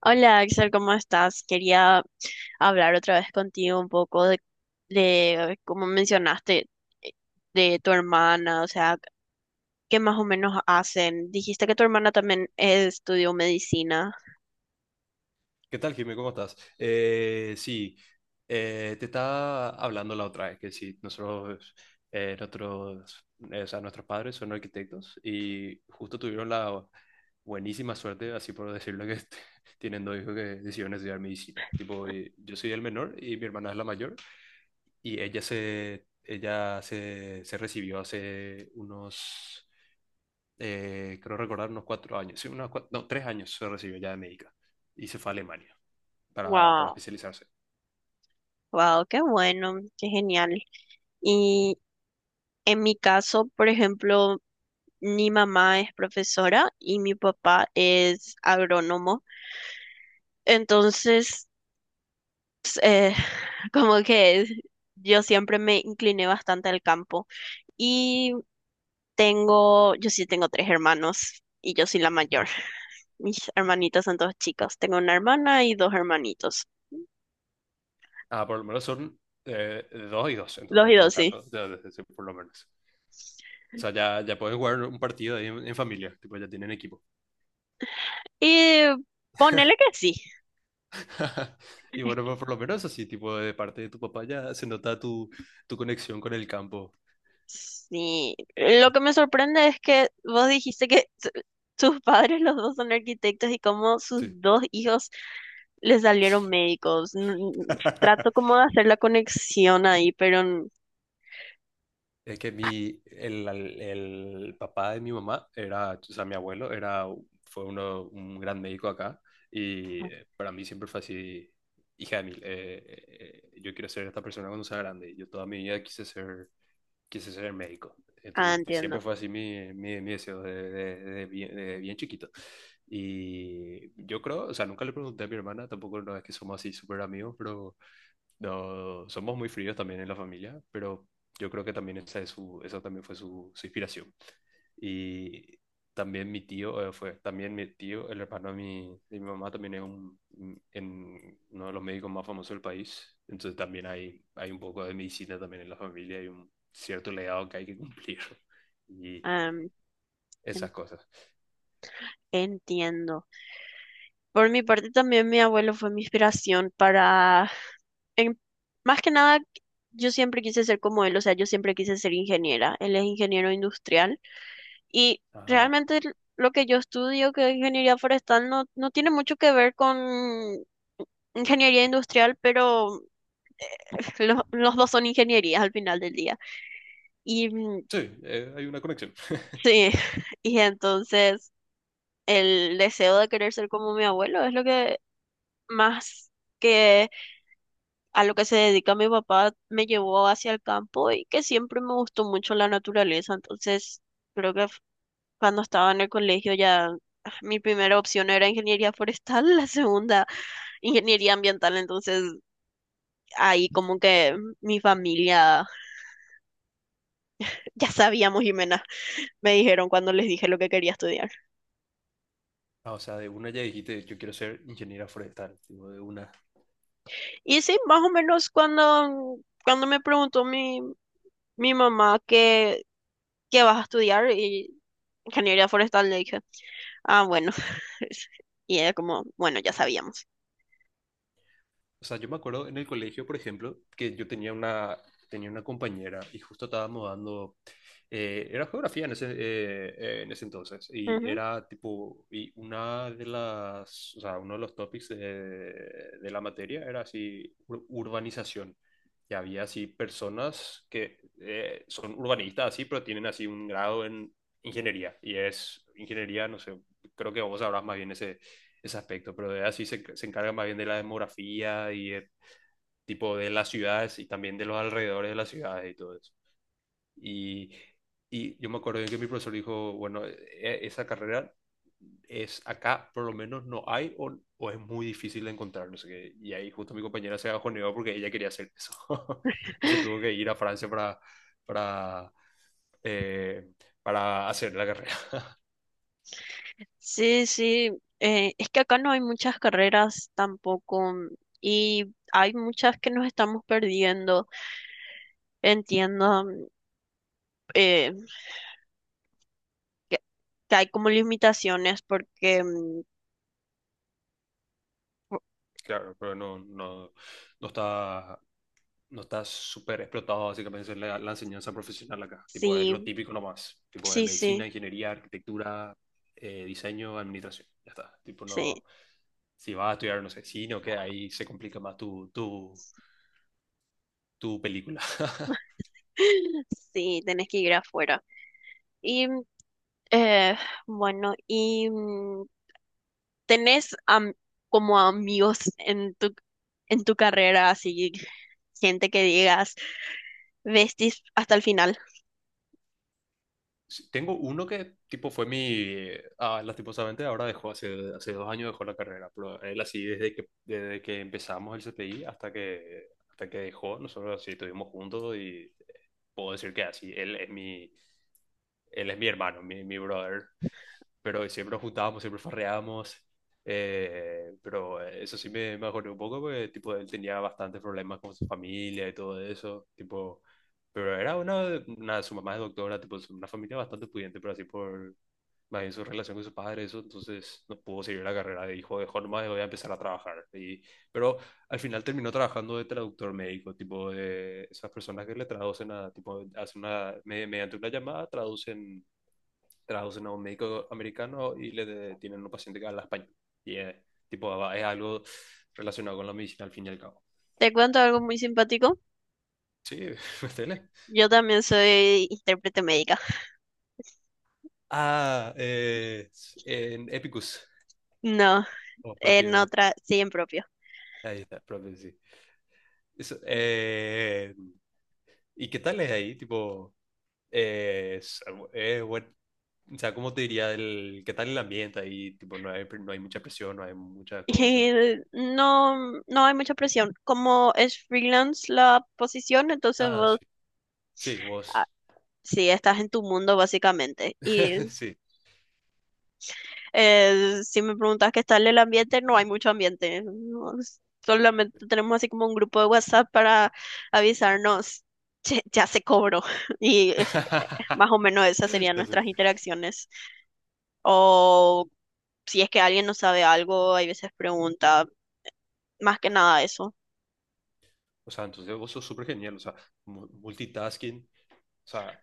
Hola Axel, ¿cómo estás? Quería hablar otra vez contigo un poco de como mencionaste, eh, de tu hermana, o sea, qué más o menos hacen. Dijiste que tu hermana también estudió medicina. ¿Qué tal, Jimmy? ¿Cómo estás? Sí, Te estaba hablando la otra vez que sí, eh, nosotros, nuestros padres son arquitectos y justo tuvieron la buenísima suerte, así por decirlo, que tienen dos hijos que decidieron estudiar medicina. Tipo, y yo soy el menor y mi hermana es la mayor y se recibió hace unos, creo recordar, unos cuatro años, sí, no, tres años se recibió ya de médica y se fue a Alemania para Wow, especializarse. wow, qué bueno, qué genial. Y en mi caso, por ejemplo, mi mamá es profesora y mi papá es agrónomo. Entonces, eh, como que yo siempre me incliné bastante al campo. Y yo sí tengo tres hermanos y yo soy la mayor. Mis hermanitos son dos chicos. Tengo una hermana y dos hermanitos. Ah, por lo menos son dos y dos, Dos entonces y en todo dos, sí. caso, ya, ya, ya, sí, por lo menos. O sea, ya, ya pueden jugar un partido ahí en familia, tipo, ya tienen equipo. Y ponele que sí. Y bueno, pues, por lo menos así, tipo, de parte de tu papá ya se nota tu conexión con el campo. Sí. Lo que me sorprende es que vos dijiste que sus padres los dos son arquitectos y cómo sus Sí. dos hijos le salieron médicos. Trato como de hacer la conexión ahí, pero. Es que el papá de mi mamá era, o sea, mi abuelo era, fue uno, un gran médico acá y para mí siempre fue así, hija de mil, yo quiero ser esta persona cuando sea grande. Yo toda mi vida quise ser médico. Ah, Entonces, y entiendo. siempre fue así mi deseo de bien chiquito. Y yo creo, o sea, nunca le pregunté a mi hermana, tampoco no es que somos así súper amigos, pero no, somos muy fríos también en la familia, pero yo creo que también esa también fue su inspiración. Y también mi tío, el hermano de mi mamá, también es en uno de los médicos más famosos del país. Entonces también hay un poco de medicina también en la familia, hay un cierto legado que hay que cumplir y Am, en- esas cosas. entiendo. Por mi parte también mi abuelo fue mi inspiración para, en- más que nada, yo siempre quise ser como él, o sea, yo siempre quise ser ingeniera. Él es ingeniero industrial y Ah, realmente lo que yo estudio, que es ingeniería forestal, no no tiene mucho que ver con ingeniería industrial, pero los dos son ingenierías al final del día. Y mm, sí, hay una conexión. Sí, y entonces el deseo de querer ser como mi abuelo es lo que más que a lo que se dedica mi papá me llevó hacia el campo y que siempre me gustó mucho la naturaleza. Entonces, creo que cuando estaba en el colegio ya, mi primera opción era ingeniería forestal, la segunda ingeniería ambiental. Entonces, ahí como que mi familia, ya sabíamos, Jimena, me dijeron cuando les dije lo que quería estudiar. Ah, o sea, de una ya dijiste, yo quiero ser ingeniera forestal, tipo, de una. Y sí, más o menos cuando me preguntó mi mamá qué vas a estudiar, y ingeniería forestal, le dije, ah, bueno. Y era como, bueno, ya sabíamos. O sea, yo me acuerdo en el colegio, por ejemplo, que tenía una compañera y justo estábamos dando, era geografía en en ese entonces, y Ujú. era tipo, y una de uno de los topics de la materia era así, urbanización. Y había así personas que son urbanistas así, pero tienen así un grado en ingeniería, y es ingeniería, no sé, creo que vos sabrás más bien ese aspecto, pero de así se, se encarga más bien de la demografía y el tipo de las ciudades y también de los alrededores de las ciudades y todo eso. Y, y yo me acuerdo que mi profesor dijo, bueno, esa carrera es acá, por lo menos no hay o es muy difícil de encontrar, no sé qué. Y ahí justo mi compañera se bajoneó porque ella quería hacer eso y se tuvo que ir a Francia para, eh, para hacer la carrera. Sí, sí, es que acá no hay muchas carreras tampoco, y hay muchas que nos estamos perdiendo. Entiendo. Eh, que, que hay como limitaciones porque, Claro, pero no está no estás súper explotado básicamente en la enseñanza profesional acá. Tipo, es sí, lo típico nomás. Tipo, de sí, sí, medicina, ingeniería, arquitectura, diseño, administración. Ya está. Tipo, sí. no, si vas a estudiar, no sé, cine o qué, ahí se complica más tu película. Sí, tenés que ir afuera. Y mm, eh, bueno, y, tenés como amigos en tu carrera, así gente que digas, vestis hasta el final. Sí, tengo uno que, tipo, fue mi... Ah, lastimosamente ahora dejó, hace dos años dejó la carrera, pero él así desde que empezamos el CPI hasta que dejó, nosotros así estuvimos juntos y puedo decir que así, él es mi hermano, mi brother. Pero siempre nos juntábamos, siempre farreábamos. Eh, pero eso sí me acordé un poco porque tipo, él tenía bastantes problemas con su familia y todo eso. Tipo, pero era su mamá es doctora, tipo, es una familia bastante pudiente, pero así por más bien su relación con su padre, eso, entonces no pudo seguir la carrera. Dijo, dejó nomás, voy a empezar a trabajar. Y, pero al final terminó trabajando de traductor médico, tipo de esas personas que le traducen a, tipo, hacen una, mediante una llamada traducen a un médico americano y tienen un paciente que habla español. Y es, tipo, es algo relacionado con la medicina al fin y al cabo. Te cuento algo muy simpático. Sí, metele. Yo también soy intérprete médica. Ah, en Epicus, No, o propio, en otra, sí, en propio. ahí está, propio, sí. Eso, ¿y qué tal es ahí? Tipo, eh, es, es o sea, ¿cómo te diría el, qué tal el ambiente ahí? Tipo, no hay mucha presión, no hay muchas cosas. Y no, no hay mucha presión. Como es freelance la posición, entonces Ah, vos, sí, sí, ah, vos, sí, estás en tu mundo básicamente. Y sí. Si me preguntas qué tal el ambiente, no hay mucho ambiente. No, solamente tenemos así como un grupo de WhatsApp para avisarnos, "Che, ya se cobró." Y más o menos esas serían nuestras Entonces, interacciones. O si es que alguien no sabe algo, hay veces pregunta, más que nada eso. o sea, entonces vos sos súper genial. O sea, multitasking, o sea,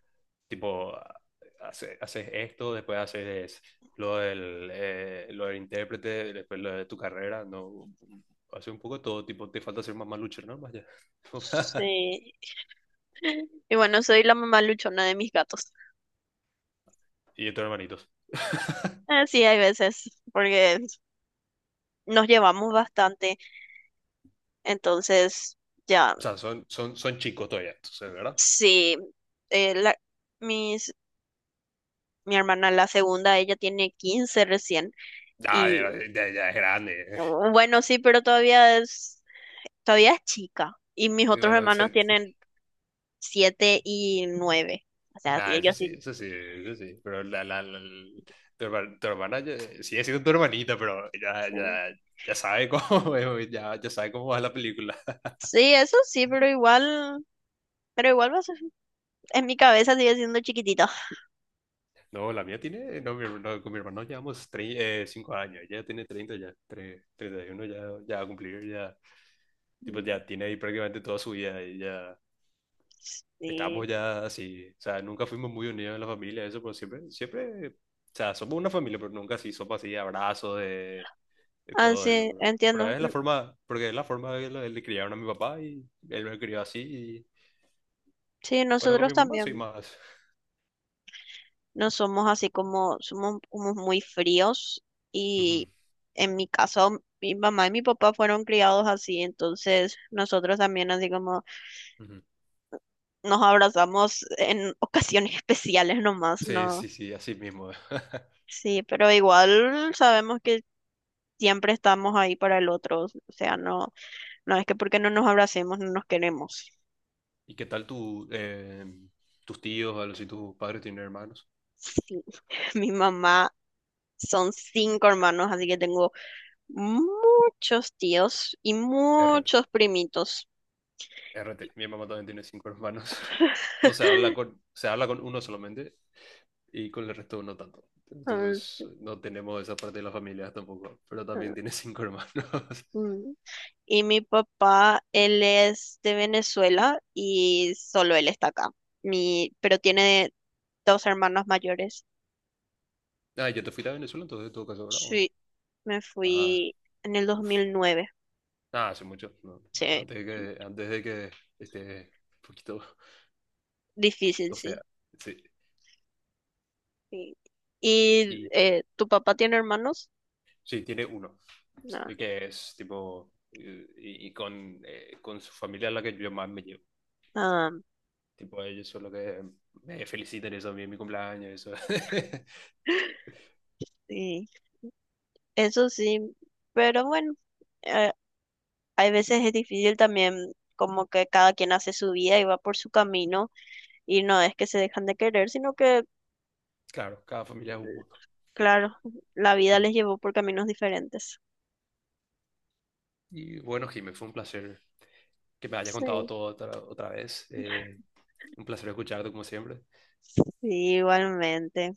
tipo, haces esto, después haces lo del intérprete, después lo de tu carrera, ¿no? Hace un poco de todo, tipo, te falta ser más luchera, ¿no? Vaya. Sí. Y bueno, soy la mamá luchona de mis gatos. Y de tus hermanitos. Sí, hay veces, porque nos llevamos bastante, entonces ya. O sea, son chicos todavía, entonces, ¿verdad? Sí, eh, la, mis, mi hermana, la segunda, ella tiene 15 recién. Ya, Y ya, ya, ya es grande. oh, bueno, sí, pero todavía es chica. Y mis Y otros bueno, hermanos se- tienen 7 y 9. O sea, sí, Ah, eso ellos sí, sí. eso sí, eso sí. Pero tu hermana ya- sigue siendo tu hermanita, pero ya, Sí, ya, ya sabe cómo, ya, ya sabe cómo va la película. sí, eso sí, pero igual, pero igual va a ser- en mi cabeza sigue siendo chiquitito. No, la mía tiene, no, mi her- no, con mi hermano llevamos 5 años, ella tiene 30 ya, 31 ya, ya va a cumplir, ya, tipo, Mm, ya tiene ahí prácticamente toda su vida y ya sí. estamos ya así, o sea, nunca fuimos muy unidos en la familia, eso, pero siempre, siempre, o sea, somos una familia, pero nunca así, somos así, abrazos y Ah, todo eso, sí, entiendo. pero es la Mm, forma, porque es la forma de le criaron a mi papá y él me crió así y sí, bueno, con nosotros mi mamá soy también. más. No somos así como, somos como muy fríos Ujú, y en mi caso mi mamá y mi papá fueron criados así, entonces nosotros también así como ujú. nos abrazamos en ocasiones especiales nomás, Sí, ¿no? sí, sí, así mismo. Sí, pero igual sabemos que siempre estamos ahí para el otro, o sea, no, no es que porque no nos abracemos no nos queremos. ¿Y qué tal tus tíos, o algo, si tus padres tienen hermanos? Sí, mi mamá son cinco hermanos, así que tengo muchos tíos y RT, muchos primitos. RT. Mi mamá también tiene cinco hermanos. No se habla con, se habla con uno solamente y con el resto no tanto. Ujú. Entonces no tenemos esa parte de la familia tampoco, pero también tiene cinco hermanos. Mm. Y mi papá, él es de Venezuela y solo él está acá. Pero tiene dos hermanos mayores. Ah, yo te fuiste a Venezuela entonces en todo caso, ¿verdad? ¿O no? Sí, me Ah, fui en el dos uf. mil nueve Ah, hace mucho. No. Sí, Antes de antes de que esté un difícil, poquito sí. fea. Sí. Sí. ¿Y Y tu papá tiene hermanos? sí, tiene uno. No. Sí, que es tipo. Eh, y con su familia es la que yo más me llevo. Ah, Tipo, ellos son los que me felicitan eso a mí en mi cumpleaños. Eso. sí. Eso sí, pero bueno, eh, hay veces es difícil también, como que cada quien hace su vida y va por su camino y no es que se dejan de querer, sino que. Claro, cada familia es un mundo. Tipo. Claro, la vida Ujú. les llevó por caminos diferentes. Y bueno, Jimé, fue un placer que me hayas contado Sí. todo otra, otra vez. Un placer escucharte como siempre. Sí, igualmente.